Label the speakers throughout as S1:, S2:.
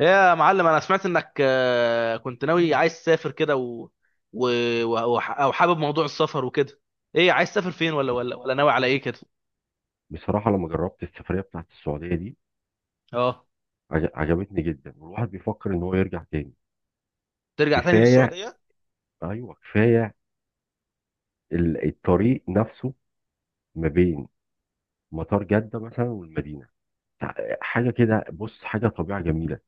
S1: يا معلم انا سمعت انك كنت ناوي عايز تسافر كده و... او حابب موضوع السفر وكده. ايه عايز تسافر فين ولا
S2: بس-
S1: ولا ولا ناوي على ايه كده؟
S2: بصراحة لما جربت السفرية بتاعت السعودية دي
S1: اه،
S2: عجبتني جدا، والواحد بيفكر ان هو يرجع تاني.
S1: ترجع تاني
S2: كفاية.
S1: للسعودية.
S2: ايوه كفاية. الطريق نفسه ما بين مطار جدة مثلا والمدينة، حاجة كده. بص، حاجة طبيعة جميلة،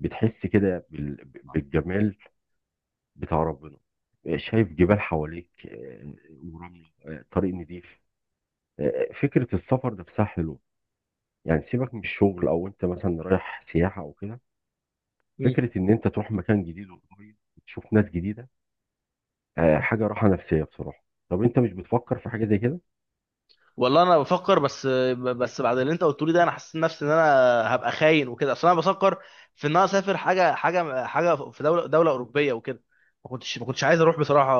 S2: بتحس كده بالجمال بتاع ربنا. شايف جبال حواليك، ورملة، طريق نضيف. فكرة السفر نفسها حلوة، يعني سيبك من الشغل او انت مثلا رايح سياحة او كده.
S1: مم.
S2: فكرة إن أنت تروح مكان جديد وقريب وتشوف ناس جديدة، حاجة راحة نفسية بصراحة. طب أنت مش بتفكر في حاجة زي كده؟
S1: والله انا بفكر، بس بعد اللي انت قلته لي ده انا حسيت نفسي ان انا هبقى خاين وكده، اصل انا بفكر في ان انا اسافر حاجه في دوله اوروبيه وكده. ما كنتش عايز اروح بصراحه.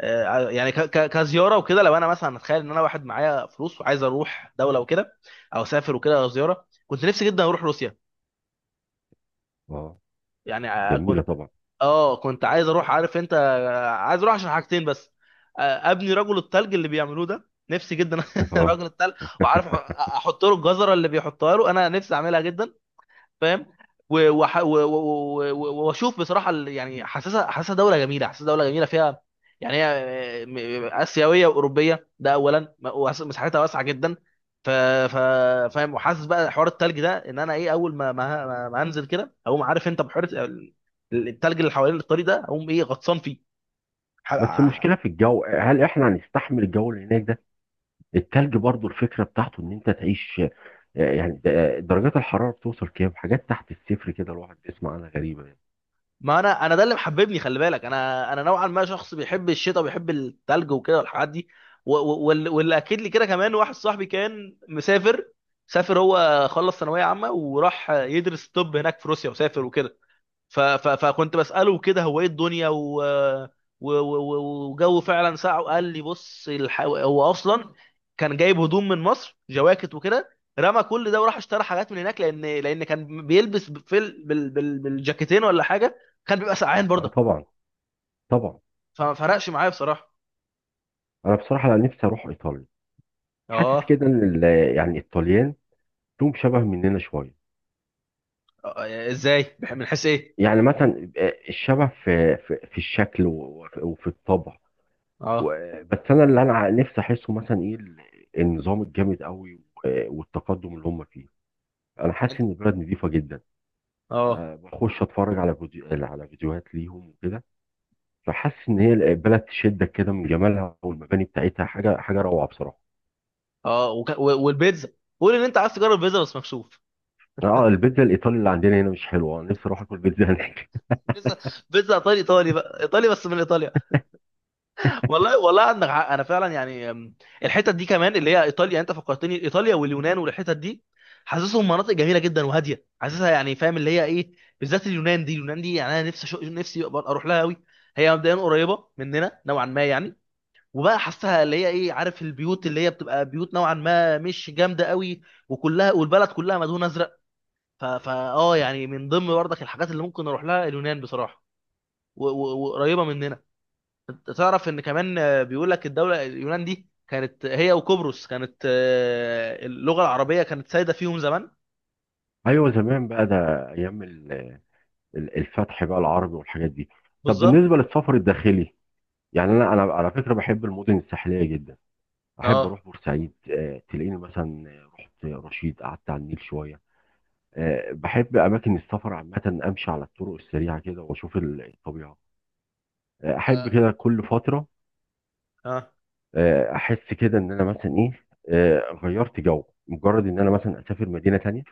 S1: يعني كزياره وكده، لو انا مثلا اتخيل ان انا واحد معايا فلوس وعايز اروح دوله وكده، او اسافر وكده زياره، كنت نفسي جدا اروح روسيا.
S2: أه،
S1: يعني
S2: جميلة طبعا.
S1: اه، كنت عايز اروح. عارف انت، عايز اروح عشان حاجتين بس. آه، ابني رجل التلج اللي بيعملوه ده نفسي جدا،
S2: أه،
S1: رجل التلج. وعارف احط له الجزره اللي بيحطها له، انا نفسي اعملها جدا. فاهم؟ و- وح- و- و- و- و- واشوف بصراحه يعني حاسسها دوله جميله فيها. يعني هي اسيويه واوروبيه ده اولا، مساحتها واسعه جدا. ف ف فاهم؟ وحاسس بقى حوار التلج ده ان انا ايه، اول ما ما انزل كده اقوم، عارف انت، بحوار التلج اللي حوالين الطريق ده اقوم ايه، غطسان فيه.
S2: بس المشكلة في الجو، هل إحنا هنستحمل الجو اللي هناك ده؟ التلج برضو الفكرة بتاعته إن أنت تعيش، درجات الحرارة بتوصل كام؟ حاجات تحت الصفر كده الواحد بيسمع عنها غريبة يعني.
S1: ما انا ده اللي محببني، خلي بالك، انا نوعا ما شخص بيحب الشتاء وبيحب التلج وكده والحاجات دي. و- و- وال- واللي اكد لي كده كمان، واحد صاحبي كان مسافر، سافر هو، خلص ثانويه عامه وراح يدرس طب هناك في روسيا وسافر وكده. ف... ف... فكنت بسأله كده هو ايه الدنيا و... و... و... و- وجو. فعلا ساعه قال لي بص، هو اصلا كان جايب هدوم من مصر، جواكت وكده، رمى كل ده وراح اشترى حاجات من هناك، لان كان بيلبس في بالجاكيتين ولا حاجه كان بيبقى سقعان
S2: أه
S1: برضه.
S2: طبعا، طبعا.
S1: فما فرقش معايا بصراحه.
S2: أنا بصراحة لا، نفسي أروح إيطاليا. حاسس
S1: اه.
S2: كده إن يعني الطليان لهم شبه مننا شوية.
S1: ازاي؟ من حيث ايه؟
S2: يعني مثلا، الشبه في الشكل وفي الطبع.
S1: اه.
S2: بس انا اللي انا نفسي احسه مثلا ايه، النظام الجامد قوي والتقدم اللي هم فيه. انا حاسس
S1: انت.
S2: ان البلد نظيفه جدا.
S1: اه.
S2: أه، بخش اتفرج على فيديوهات ليهم وكده، فحاسس ان هي البلد تشدك كده من جمالها، والمباني بتاعتها حاجه روعه بصراحه.
S1: اه وك... و... والبيتزا، قول ان انت عايز تجرب بيتزا بس مكشوف.
S2: اه البيتزا الايطالي اللي عندنا هنا مش حلوه، انا نفسي اروح اكل بيتزا هناك.
S1: بيتزا. بيتزا ايطالي، ايطالي بقى ايطالي بس من ايطاليا. والله والله عندك حق، انا فعلا يعني الحتت دي كمان اللي هي ايطاليا، انت فكرتني ايطاليا واليونان والحتت دي، حاسسهم مناطق جميله جدا وهاديه. حاسسها يعني، فاهم اللي هي ايه، بالذات اليونان دي. اليونان دي، يعني انا نفسي نفسي أبقى اروح لها قوي. هي مبدئيا قريبه مننا نوعا ما يعني. وبقى حاسسها اللي هي ايه، عارف، البيوت اللي هي بتبقى بيوت نوعا ما مش جامده قوي، وكلها والبلد كلها مدهون ازرق. ف... فا اه، يعني من ضمن برضك الحاجات اللي ممكن اروح لها اليونان بصراحه. و- و- وقريبه مننا. انت تعرف ان كمان بيقول لك الدوله اليونان دي كانت هي وقبرص، كانت اللغه العربيه كانت سايده فيهم زمان.
S2: ايوه زمان بقى ده، ايام الفتح بقى العربي والحاجات دي. طب
S1: بالظبط.
S2: بالنسبه للسفر الداخلي، يعني انا على فكره بحب المدن الساحليه جدا. احب اروح
S1: اه.
S2: بورسعيد، تلاقيني مثلا رحت رشيد قعدت على النيل شويه. بحب اماكن السفر عامه، امشي على الطرق السريعه كده واشوف الطبيعه. احب
S1: آه،
S2: كده كل فتره.
S1: اه.
S2: احس كده ان انا مثلا ايه، غيرت جو، مجرد ان انا مثلا اسافر مدينه تانية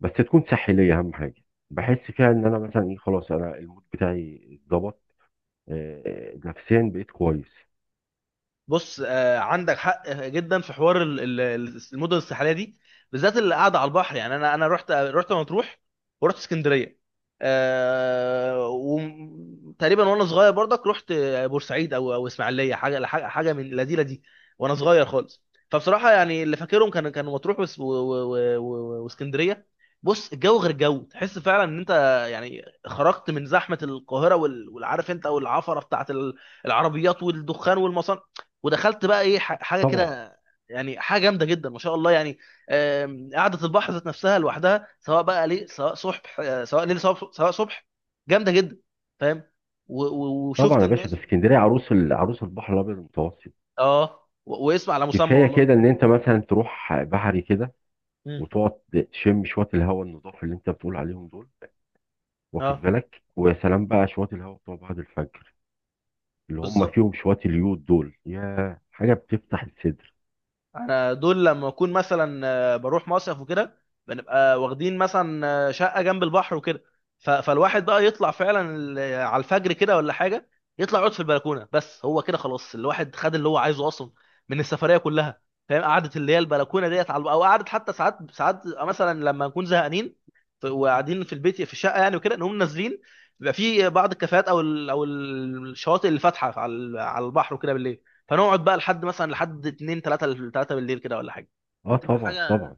S2: بس تكون ساحليه، اهم حاجه بحس فيها ان انا مثلا ايه، خلاص انا المود بتاعي اتظبط. نفسيا بقيت كويس.
S1: بص، عندك حق جدا في حوار المدن الساحليه دي، بالذات اللي قاعده على البحر. يعني انا رحت مطروح ورحت اسكندريه. أه، وتقريبا وانا صغير برضك رحت بورسعيد او اسماعيليه، حاجه حاجه حاجة من لذيذه دي وانا صغير خالص. فبصراحه يعني اللي فاكرهم كانوا مطروح وس- و- و- و- واسكندريه. بص الجو غير جو، تحس فعلا ان انت يعني خرجت من زحمه القاهره وال- والعارف انت والعفره بتاعت العربيات والدخان والمصانع، ودخلت بقى ايه حاجه
S2: طبعا
S1: كده. يعني حاجه جامده جدا ما شاء الله يعني. قعده البحر ذات نفسها لوحدها، سواء بقى ليل سواء صبح، سواء ليل سواء صبح، جامده جدا. فاهم؟ و- و-
S2: طبعا
S1: وشفت
S2: يا باشا،
S1: الناس
S2: ده
S1: وكده.
S2: اسكندريه عروس عروس البحر الابيض المتوسط.
S1: اه، و- واسم على مسمى
S2: كفايه
S1: والله.
S2: كده ان انت مثلا تروح بحري كده
S1: مم.
S2: وتقعد تشم شويه الهواء النضاف اللي انت بتقول عليهم دول. واخد
S1: اه.
S2: بالك، ويا سلام بقى شويه الهواء بتوع بعد الفجر اللي هم
S1: بالظبط.
S2: فيهم شويه اليود دول، يا حاجه بتفتح الصدر.
S1: انا دول لما اكون مثلا بروح مصيف وكده، بنبقى واخدين مثلا شقه جنب البحر وكده. ف- فالواحد بقى يطلع فعلا على الفجر كده ولا حاجه، يطلع يقعد في البلكونه. بس هو كده خلاص، الواحد خد اللي هو عايزه اصلا من السفريه كلها. فاهم؟ قعده اللي هي البلكونه ديت، على او قعده حتى ساعات، مثلا لما نكون زهقانين ف- وقاعدين في البيت في الشقه يعني وكده، نقوم نازلين. بيبقى في بعض الكافيهات او او الشواطئ اللي فاتحه على على البحر وكده بالليل. فنقعد بقى لحد مثلا، لحد 2 3 3 بالليل كده ولا حاجه.
S2: اه
S1: تبقى
S2: طبعا
S1: حاجه،
S2: طبعا.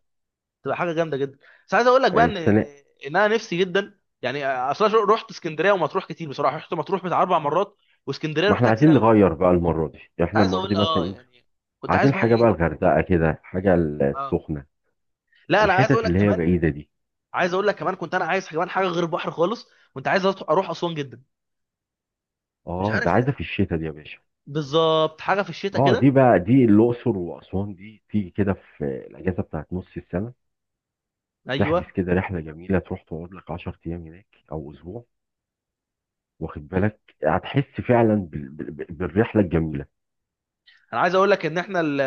S1: تبقى حاجه جامده جدا. بس عايز اقول لك
S2: آه،
S1: بقى ان ان
S2: السنه
S1: إن انا نفسي جدا، يعني اصلا رحت اسكندريه ومطروح كتير بصراحه. رحت مطروح بتاع 4 مرات، واسكندريه
S2: ما احنا
S1: رحتها كتير
S2: عايزين
S1: قوي.
S2: نغير بقى المره دي، يعني
S1: كنت
S2: احنا
S1: عايز
S2: المره
S1: اقول
S2: دي مثلا
S1: اه،
S2: ايه،
S1: يعني كنت عايز
S2: عايزين
S1: بقى
S2: حاجه بقى
S1: ايه.
S2: الغردقه كده، حاجه
S1: اه،
S2: السخنه،
S1: لا، انا عايز اقول
S2: الحتت
S1: لك
S2: اللي هي
S1: كمان.
S2: بعيده دي.
S1: كنت انا عايز كمان حاجه غير البحر خالص. كنت عايز اروح اسوان جدا. مش
S2: اه ده
S1: عارف ليه.
S2: عايزه في الشتاء دي يا باشا.
S1: بالظبط حاجه في الشتاء
S2: اه دي
S1: كده.
S2: بقى، دي الاقصر واسوان دي تيجي كده في الاجازه بتاعت نص السنه، تحجز
S1: ايوه.
S2: كده رحله جميله تروح تقعد لك 10 ايام هناك او اسبوع. واخد بالك هتحس فعلا بالرحله الجميله.
S1: انا عايز اقول لك ان احنا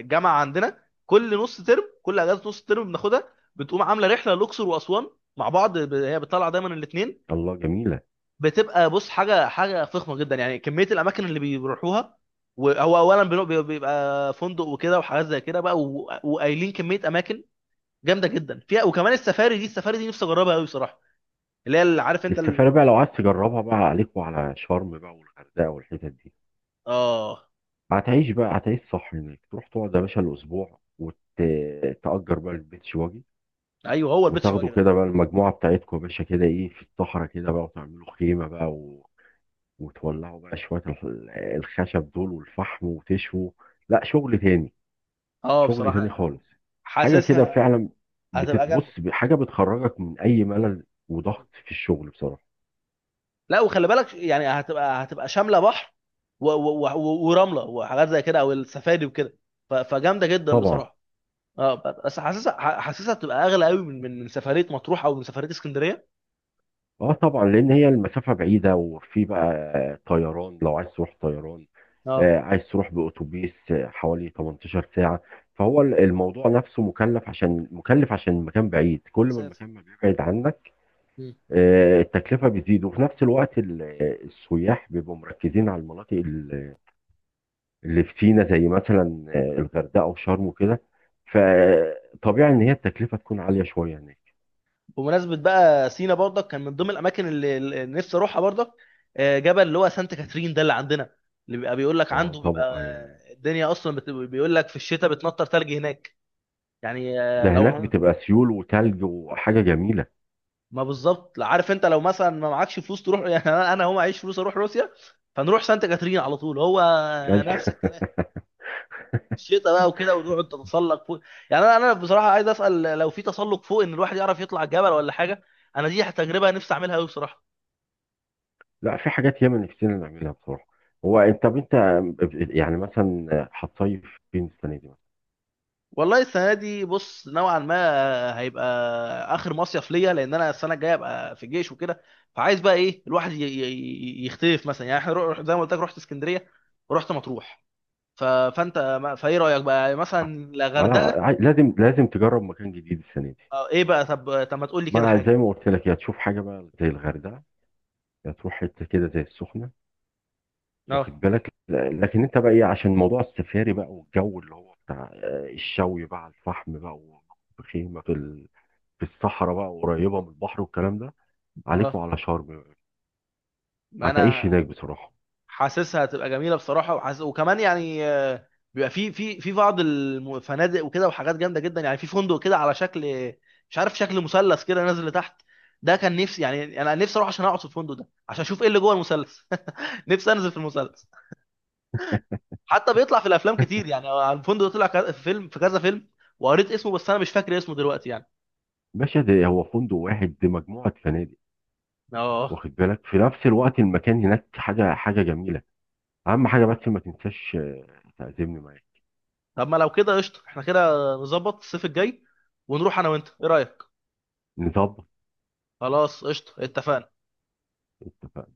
S1: الجامعه عندنا كل نص ترم، كل اجازه نص ترم بناخدها، بتقوم عامله رحله الاقصر واسوان مع بعض. هي بتطلع دايما الاثنين.
S2: الله جميله.
S1: بتبقى بص، حاجه فخمه جدا، يعني كميه الاماكن اللي بيروحوها. وهو اولا بيبقى فندق وكده وحاجات زي كده بقى، و- وقايلين كميه اماكن جامده جدا فيها. وكمان السفاري دي، السفاري دي نفسي اجربها قوي بصراحه، اللي هي، اللي عارف انت
S2: السفاره بقى لو عايز تجربها بقى عليك وعلى شرم بقى والغردقه والحتت دي.
S1: اه.
S2: هتعيش بقى، هتعيش صح هناك. تروح تقعد يا باشا الاسبوع، وتأجر بقى البيتش واجي،
S1: ايوه، هو البيتش
S2: وتاخدوا
S1: باجي ده بقى.
S2: كده بقى المجموعه بتاعتكم يا باشا كده، ايه، في الصحراء كده بقى وتعملوا خيمه بقى، وتولعوا بقى شوية الخشب دول والفحم، وتشووا. لا، شغل تاني.
S1: اه
S2: شغل
S1: بصراحه
S2: تاني
S1: يعني
S2: خالص. حاجة كده
S1: حاسسها
S2: فعلا،
S1: هتبقى
S2: بتتبص
S1: جامده.
S2: حاجة بتخرجك من أي ملل وضغط في الشغل بصراحة.
S1: لا، وخلي بالك، يعني هتبقى شامله بحر و... و... و... ورمله وحاجات زي كده، او السفاري وكده. ف... فجامده جدا
S2: طبعا.
S1: بصراحه. اه. بس حاسسها، حاسسها بتبقى اغلى قوي من سفريه مطروح او من سفريه اسكندريه.
S2: اه طبعا، لأن هي المسافة بعيدة، وفي بقى طيران لو عايز تروح طيران،
S1: اه.
S2: عايز تروح بأتوبيس، حوالي 18 ساعة. فهو الموضوع نفسه مكلف، عشان مكلف عشان المكان بعيد، كل ما
S1: مسافة.
S2: المكان ما بيبعد عنك،
S1: مم.
S2: التكلفة بتزيد. وفي نفس الوقت السياح بيبقوا مركزين على المناطق اللي في سينا، زي مثلا، الغردقة وشرم وكده، فطبيعي إن هي التكلفة تكون عالية شوية هناك.
S1: بمناسبه بقى سينا برضك كان من ضمن الاماكن اللي نفسي اروحها برضك. جبل اللي هو سانت كاترين ده اللي عندنا، اللي بيبقى بيقول لك
S2: اه
S1: عنده بيبقى
S2: طبعا.
S1: الدنيا اصلا بيقول لك في الشتاء بتنطر ثلج هناك. يعني
S2: ده هناك بتبقى سيول وتلج وحاجة جميلة.
S1: ما بالظبط. لا، عارف انت، لو مثلا ما معكش فلوس تروح، يعني انا هو معيش فلوس اروح روسيا فنروح سانت كاترين على طول، هو
S2: لا.
S1: نفس الكلام. الشتاء بقى وكده، ونقعد نتسلق فوق. يعني انا بصراحه عايز اسال، لو في تسلق فوق ان الواحد يعرف يطلع الجبل ولا حاجه. انا دي تجربه نفسي اعملها قوي بصراحه.
S2: لا، في حاجات ياما نفسنا نعملها بصراحة. هو انت، طب انت يعني مثلا هتصيف فين السنة دي مثلا؟
S1: والله السنه دي بص، نوعا ما هيبقى اخر مصيف ليا، لان انا السنه الجايه ابقى في الجيش وكده. فعايز بقى ايه الواحد ي- ي- ي- يختلف مثلا. يعني احنا زي ما قلت لك، رحت اسكندريه ورحت مطروح. ف... فانت فايه رايك بقى، يعني مثلا لا
S2: اه لا،
S1: غردقه
S2: لازم لازم تجرب مكان جديد السنة دي.
S1: أو ايه بقى؟ طب ما تقول لي كده
S2: مع زي
S1: حاجه.
S2: ما قلت لك، يا تشوف حاجة بقى زي الغردقة، هتروح حته كده زي السخنه.
S1: اه.
S2: واخد بالك، لكن انت بقى ايه، عشان موضوع السفاري بقى، والجو اللي هو بتاع الشوي بقى على الفحم بقى، وخيمه في الصحراء بقى قريبه من البحر والكلام ده، عليكوا
S1: اه.
S2: على شرم.
S1: ما
S2: هتعيش
S1: انا
S2: هناك بصراحه.
S1: حاسسها هتبقى جميله بصراحه. وحاس... وكمان يعني بيبقى في في بعض الفنادق وكده، وحاجات جامده جدا يعني. في فندق كده على شكل، مش عارف شكل مثلث كده نازل لتحت، ده كان نفسي، يعني انا نفسي اروح عشان اقعد في الفندق ده عشان اشوف ايه اللي جوه المثلث. نفسي انزل في المثلث. حتى بيطلع في الافلام كتير، يعني الفندق ده طلع في فيلم، في كذا فيلم، وقريت اسمه بس انا مش فاكر اسمه دلوقتي يعني.
S2: باشا ده هو فندق واحد؟ دي مجموعه فنادق.
S1: اه.
S2: واخد بالك، في نفس الوقت المكان هناك حاجه حاجه جميله. اهم حاجه بس ما تنساش، تعزمني معاك.
S1: طب ما لو كده قشطه. احنا كده نظبط الصيف الجاي ونروح انا وانت، ايه رايك؟
S2: نظبط.
S1: خلاص قشطه، اتفقنا.
S2: اتفقنا.